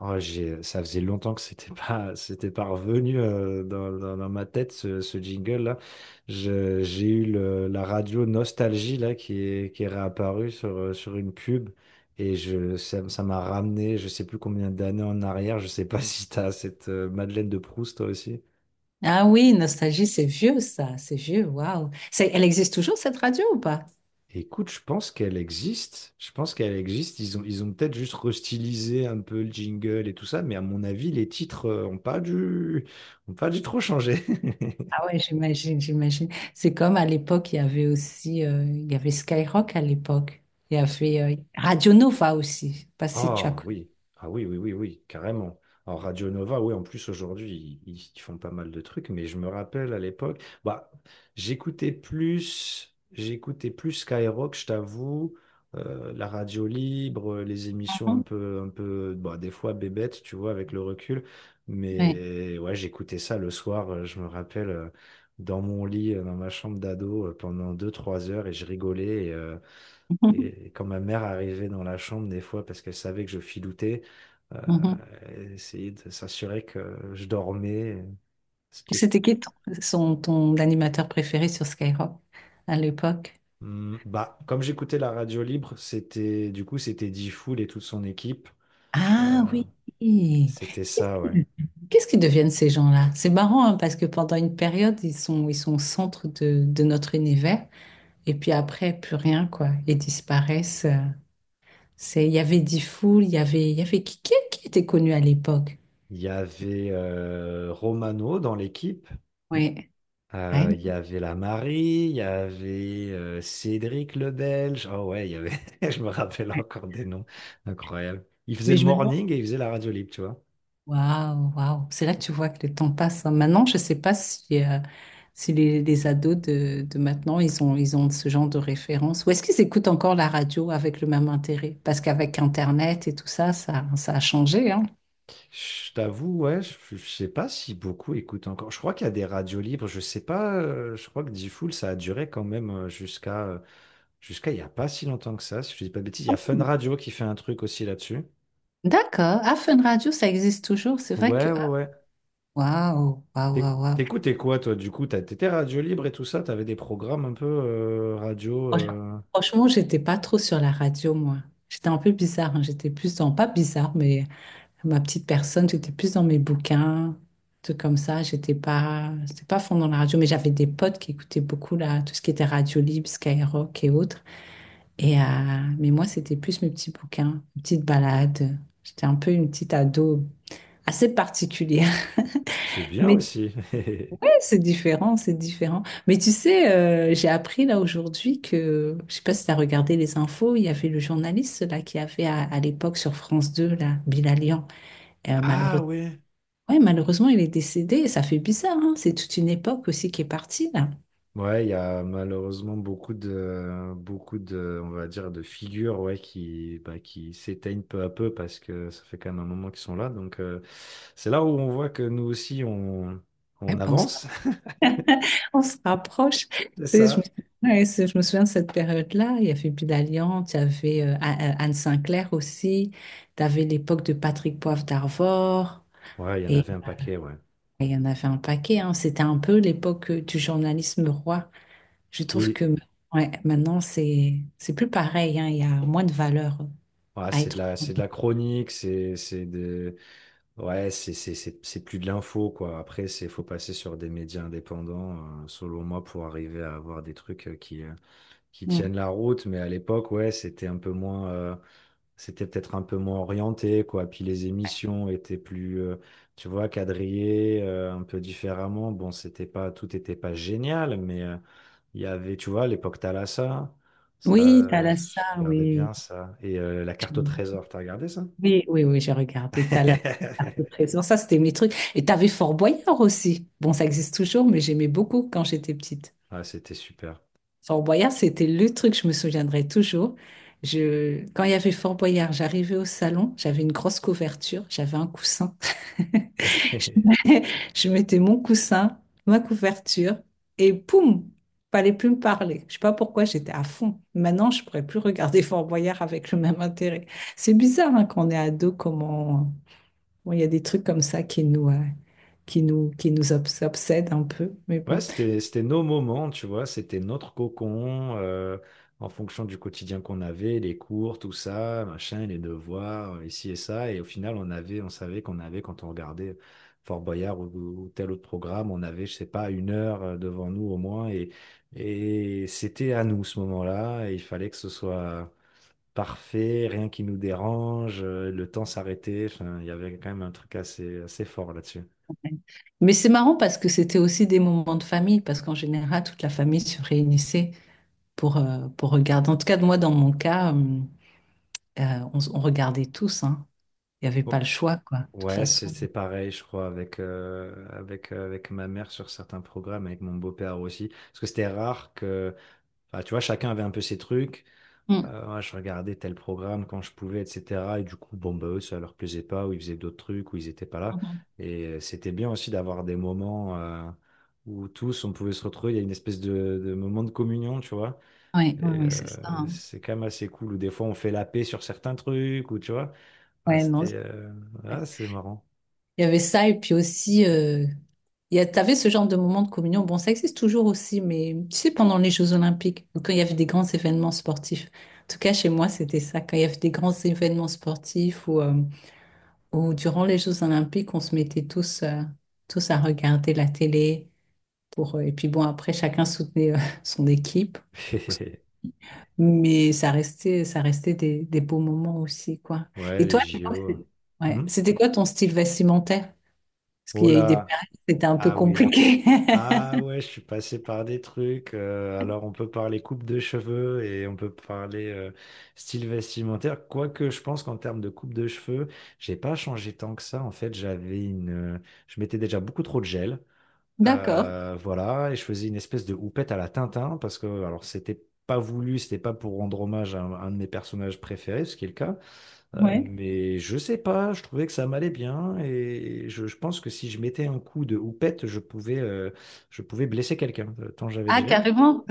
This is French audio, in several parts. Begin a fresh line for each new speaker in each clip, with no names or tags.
Oh, ça faisait longtemps que c'était pas, c'était pas revenu dans ma tête ce jingle-là. La radio Nostalgie là qui est réapparue sur une pub et ça m'a ramené, je sais plus combien d'années en arrière. Je sais pas si t'as cette Madeleine de Proust toi aussi.
Ah oui, Nostalgie, c'est vieux ça, c'est vieux, waouh. Elle existe toujours cette radio ou pas?
Écoute, je pense qu'elle existe. Je pense qu'elle existe. Ils ont peut-être juste restylisé un peu le jingle et tout ça, mais à mon avis, les titres ont pas dû trop changer.
Ah ouais, j'imagine. C'est comme à l'époque, il y avait aussi, il y avait Skyrock à l'époque. Il y avait Radio Nova aussi. Je sais pas si tu as
Ah
connu.
oui, ah oui, oui, oui, oui, carrément. Alors Radio Nova, oui, en plus aujourd'hui, ils font pas mal de trucs, mais je me rappelle à l'époque, bah, j'écoutais plus Skyrock, je t'avoue, la radio libre, les émissions
Mhm.
un peu, bah, des fois bébêtes, tu vois, avec le recul.
Ouais.
Mais ouais, j'écoutais ça le soir, je me rappelle, dans mon lit, dans ma chambre d'ado, pendant deux trois heures, et je rigolais.
Mhm.
Et quand ma mère arrivait dans la chambre, des fois, parce qu'elle savait que je filoutais, euh,
Mhm.
elle essayait de s'assurer que je dormais. Ce qui est.
C'était qui ton, son- ton animateur préféré sur Skyrock à l'époque?
Bah, comme j'écoutais la radio libre, c'était Difool et toute son équipe.
Ah
Euh,
oui.
c'était ça, ouais.
Qu'est-ce qu'ils deviennent ces gens-là? C'est marrant hein, parce que pendant une période, ils sont au centre de notre univers. Et puis après, plus rien, quoi. Ils disparaissent. C'est, il y avait Diffoul, il y avait qui, qui était connu à l'époque?
Il y avait Romano dans l'équipe.
Ouais, ouais,
Il y avait la Marie, il y avait Cédric le Belge. Oh ouais, je me rappelle
ouais.
encore des noms. Incroyable. Il faisait
Mais
le
je me demande,
morning et il faisait la radio libre, tu vois.
waouh, waouh. C'est là que tu vois que le temps passe, hein. Maintenant, je sais pas si, si les ados de maintenant, ils ont ce genre de référence. Ou est-ce qu'ils écoutent encore la radio avec le même intérêt? Parce qu'avec Internet et tout ça, ça a changé, hein.
Je t'avoue, ouais, je sais pas si beaucoup écoutent encore. Je crois qu'il y a des radios libres, je sais pas, je crois que Diffoul, ça a duré quand même jusqu'à il y a pas si longtemps que ça, si je dis pas de bêtises. Il y a Fun Radio qui fait un truc aussi là-dessus.
D'accord. Ah, Fun Radio, ça existe toujours. C'est vrai que,
Ouais, ouais,
ah,
ouais.
waouh, waouh, waouh. Waouh.
T'écoutais quoi, toi, du coup? T'étais radio libre et tout ça, t'avais des programmes un peu radio.
Franch- Franchement, j'étais pas trop sur la radio, moi. J'étais un peu bizarre, hein. J'étais plus dans, pas bizarre, mais ma petite personne, j'étais plus dans mes bouquins, tout comme ça. J'étais pas, c'était pas fond dans la radio, mais j'avais des potes qui écoutaient beaucoup là, tout ce qui était radio libre, Skyrock et autres. Et, mais moi, c'était plus mes petits bouquins, mes petites balades. J'étais un peu une petite ado assez particulière.
C'est bien
Mais
aussi.
ouais, c'est différent, c'est différent. Mais tu sais, j'ai appris là aujourd'hui que, je sais pas si tu as regardé les infos, il y avait le journaliste là qui avait à l'époque sur France 2 là, Bilalian. Euh,
Ah
malheureusement,
ouais.
ouais, malheureusement, il est décédé et ça fait bizarre, hein. C'est toute une époque aussi qui est partie là.
Ouais, il y a malheureusement beaucoup de, on va dire, de figures, ouais, qui, bah, qui s'éteignent peu à peu parce que ça fait quand même un moment qu'ils sont là. Donc, c'est là où on voit que nous aussi,
Ouais,
on
ben, on se,
avance.
on se rapproche.
C'est
Tu sais,
ça.
ouais, je me souviens de cette période-là. Il y avait Bilalian, tu avais Anne Sinclair aussi, tu avais l'époque de Patrick Poivre d'Arvor.
Ouais, il y en avait un paquet, ouais.
Il y en avait un paquet, hein. C'était un peu l'époque du journalisme roi. Je trouve
Oui.
que ouais, maintenant, c'est plus pareil, hein. Il y a moins de valeur
Ouais,
à être.
c'est de la chronique, c'est de, ouais, c'est plus de l'info, quoi. Après, faut passer sur des médias indépendants, selon moi, pour arriver à avoir des trucs qui
Mm.
tiennent la route, mais à l'époque, ouais, c'était un peu moins, c'était peut-être un peu moins orienté, quoi. Puis les émissions étaient plus, tu vois, quadrillées, un peu différemment. Bon, c'était pas, tout était pas génial, mais il y avait, tu vois, l'époque Thalassa, ça,
Oui,
je
Thalassa,
regardais
oui.
bien ça. Et la carte au trésor, t'as regardé ça?
Oui, oui, oui, j'ai regardé Thalassa, Arc de Trésor. Ça, c'était mes trucs. Et t'avais Fort Boyard aussi. Bon, ça existe toujours, mais j'aimais beaucoup quand j'étais petite.
Ah, c'était super.
Fort Boyard, c'était le truc, je me souviendrai toujours. Je... Quand il y avait Fort Boyard, j'arrivais au salon, j'avais une grosse couverture, j'avais un coussin. Je mettais mon coussin, ma couverture, et poum, fallait plus me parler. Je sais pas pourquoi j'étais à fond. Maintenant, je pourrais plus regarder Fort Boyard avec le même intérêt. C'est bizarre hein, quand on est ado, comment bon, il y a des trucs comme ça qui nous, qui nous obsèdent un peu. Mais
Ouais,
bon.
c'était nos moments, tu vois, c'était notre cocon, en fonction du quotidien qu'on avait, les cours, tout ça, machin, les devoirs, ici et ça. Et au final, on savait qu'on avait, quand on regardait Fort Boyard ou tel autre programme, on avait, je sais pas, une heure devant nous au moins. Et c'était à nous ce moment-là. Et il fallait que ce soit parfait, rien qui nous dérange, le temps s'arrêtait. Enfin, il y avait quand même un truc assez, assez fort là-dessus.
Mais c'est marrant parce que c'était aussi des moments de famille, parce qu'en général, toute la famille se réunissait pour regarder. En tout cas, moi, dans mon cas, on regardait tous, hein. Il n'y avait pas le
Oh.
choix, quoi, de toute
Ouais,
façon.
c'est pareil, je crois, avec ma mère sur certains programmes, avec mon beau-père aussi. Parce que c'était rare que, enfin, tu vois, chacun avait un peu ses trucs.
Mm.
Moi, je regardais tel programme quand je pouvais, etc. Et du coup, bon, bah, eux, ça leur plaisait pas, ou ils faisaient d'autres trucs, ou ils étaient pas là.
Mhm.
Et c'était bien aussi d'avoir des moments où tous, on pouvait se retrouver. Il y a une espèce de, moment de communion, tu vois.
Oui, oui,
Et
oui, c'est ça, hein.
c'est quand même assez cool. Ou des fois, on fait la paix sur certains trucs, ou tu vois. Ah,
Ouais, non.
c'est marrant.
Il y avait ça, et puis aussi, t'avais ce genre de moment de communion. Bon, ça existe toujours aussi, mais tu sais, pendant les Jeux Olympiques, ou quand il y avait des grands événements sportifs. En tout cas, chez moi, c'était ça. Quand il y avait des grands événements sportifs ou durant les Jeux Olympiques, on se mettait tous à regarder la télé. Pour, et puis bon, après, chacun soutenait, son équipe. Mais ça restait des beaux moments aussi, quoi.
Ouais,
Et
les
toi, à l'époque,
JO.
ouais.
Mhm.
C'était quoi ton style vestimentaire? Parce qu'il
Oh
y a eu des
là,
périodes où c'était un peu
ah oui.
compliqué.
Ah ouais, je suis passé par des trucs. Alors on peut parler coupe de cheveux et on peut parler style vestimentaire. Quoique je pense qu'en termes de coupe de cheveux, j'ai pas changé tant que ça. En fait, euh, je mettais déjà beaucoup trop de gel.
D'accord.
Voilà, et je faisais une espèce de houppette à la Tintin parce que alors c'était pas voulu, c'était pas pour rendre hommage à un de mes personnages préférés, ce qui est le cas. Euh,
Ouais.
mais je sais pas, je trouvais que ça m'allait bien et je pense que si je mettais un coup de houppette, je pouvais blesser quelqu'un, tant j'avais de
Ah,
gel.
carrément.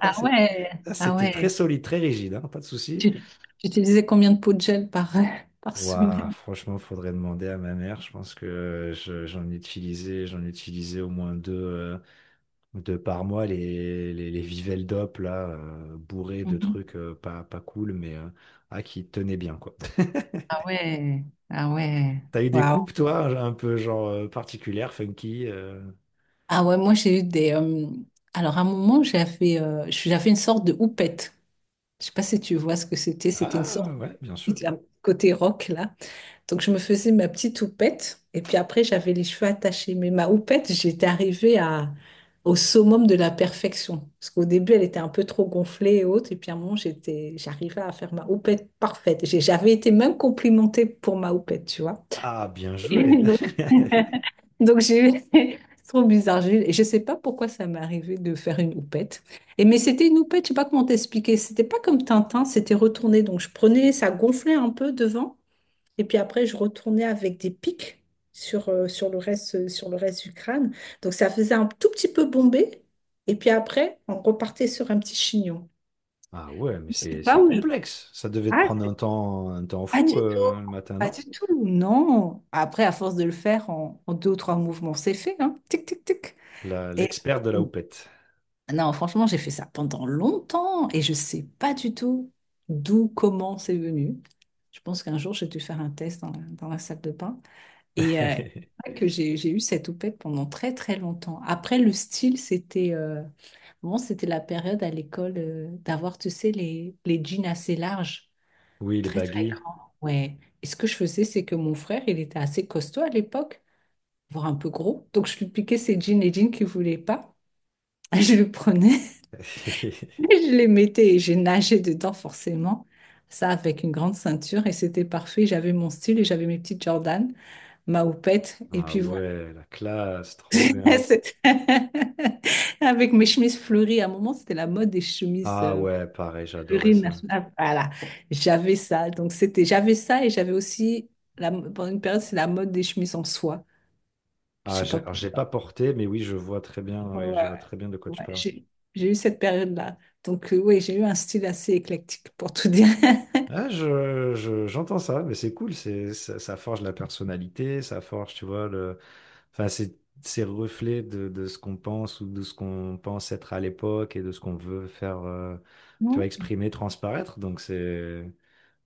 Ah
C'est-
ouais. Ah
C'était très
ouais.
solide, très rigide, hein, pas de souci.
Tu utilisais combien de pots de gel par, par
Waouh,
semaine?
franchement, faudrait demander à ma mère. Je pense que j'en ai utilisé au moins deux, deux par mois, les Vivel d'op, là, bourrés de
Mhm.
trucs pas cool, mais qui tenaient bien, quoi.
Ah ouais. Ah ouais.
T'as eu des
Waouh.
coupes, toi, un peu genre particulières, funky
Ah ouais, moi j'ai eu des. Alors à un moment, j'avais une sorte de houppette. Je sais pas si tu vois ce que c'était. C'était une
Ah
sorte de
ouais, bien sûr.
petite, là, côté rock là. Donc, je me faisais ma petite houppette. Et puis après, j'avais les cheveux attachés. Mais ma houppette, j'étais arrivée à, au summum de la perfection. Parce qu'au début, elle était un peu trop gonflée et haute. Et puis à un moment, j'arrivais à faire ma houppette parfaite. J'avais été même complimentée pour ma houppette, tu vois.
Ah, bien joué.
Donc, donc, j'ai eu... C'est trop bizarre. Et je sais pas pourquoi ça m'est arrivé de faire une houppette. Et mais c'était une houppette, je sais pas comment t'expliquer. C'était pas comme Tintin, c'était retourné. Donc, je prenais, ça gonflait un peu devant. Et puis après, je retournais avec des pics sur le reste du crâne. Donc ça faisait un tout petit peu bombé. Et puis après, on repartait sur un petit chignon.
Ah ouais, mais
C'est pas
c'est
où je...
complexe. Ça devait te
Ah,
prendre un temps
pas du
fou
tout,
le matin,
pas
non?
du tout, non. Après, à force de le faire en deux ou trois mouvements, c'est fait, hein. Tic, tic, tic. Et
L'expert de
euh,
la houppette.
non, franchement, j'ai fait ça pendant longtemps et je sais pas du tout d'où, comment c'est venu. Je pense qu'un jour, j'ai dû faire un test dans dans la salle de bain. Et c'est vrai que j'ai eu cette houppette pendant très très longtemps. Après, le style, c'était bon, c'était la période à l'école d'avoir, tu sais, les jeans assez larges,
Oui, les
très très
baggy.
grands. Ouais. Et ce que je faisais, c'est que mon frère, il était assez costaud à l'époque, voire un peu gros. Donc, je lui piquais ses jeans, les jeans qu'il voulait pas. Je le prenais, je les mettais et j'ai nagé dedans forcément. Ça avec une grande ceinture et c'était parfait. J'avais mon style et j'avais mes petites Jordan, ma houppette. Et
Ah
puis
ouais, la classe, trop bien.
C'est- avec mes chemises fleuries, à un moment, c'était la mode des chemises
Ah ouais, pareil, j'adorais
fleuries
ça.
nationales. Voilà, j'avais ça. Donc, c'était, j'avais ça et j'avais aussi, la, pendant une période, c'est la mode des chemises en soie. Je
Ah,
sais pas.
j'ai pas porté, mais oui, je vois très bien,
Ouais, ouais,
oui, je
ouais.
vois très bien de quoi tu
Ouais,
parles.
j'ai j'ai eu cette période-là. Donc, oui, j'ai eu un style assez éclectique, pour tout dire.
Ah, j'entends ça, mais c'est cool, ça forge la personnalité, ça forge, tu vois, enfin, c'est le reflet de, ce qu'on pense ou de ce qu'on pense être à l'époque et de ce qu'on veut faire, tu vois, exprimer, transparaître, donc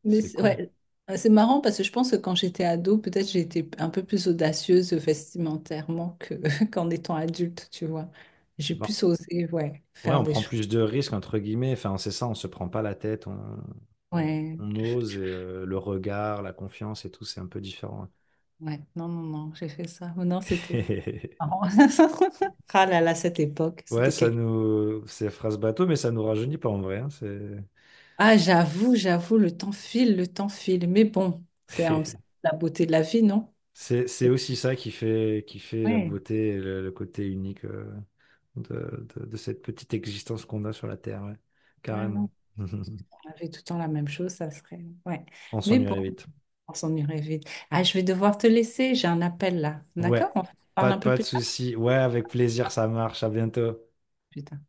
Mais
c'est
c'est
cool.
ouais, c'est marrant parce que je pense que quand j'étais ado, peut-être j'ai été un peu plus audacieuse vestimentairement que qu'en étant adulte, tu vois. J'ai
Bon,
plus osé, ouais,
ouais,
faire
on
des
prend
choses.
plus de risques, entre guillemets, enfin, c'est ça, on se prend pas la tête, on,
Ouais,
on ose et le regard, la confiance et tout, c'est un peu différent.
ouais, non, non, non, j'ai fait ça. Oh non, c'était marrant. Ah là là, cette époque,
Ouais,
c'était quelque...
c'est phrase bateau, mais ça nous rajeunit pas en vrai, hein, c'est.
Ah, j'avoue, j'avoue, le temps file, le temps file. Mais bon, c'est la beauté de la vie, non?
C'est aussi ça qui fait, la
Ouais,
beauté et le côté unique de cette petite existence qu'on a sur la Terre, ouais.
ouais, non.
Carrément.
On avait tout le temps la même chose, ça serait... Ouais.
On
Mais bon.
s'ennuierait vite.
On s'en irait vite. Ah, je vais devoir te laisser, j'ai un appel là. D'accord?
Ouais,
On se parle un peu
pas de
plus tard.
souci. Ouais, avec plaisir, ça marche. À bientôt.
Putain.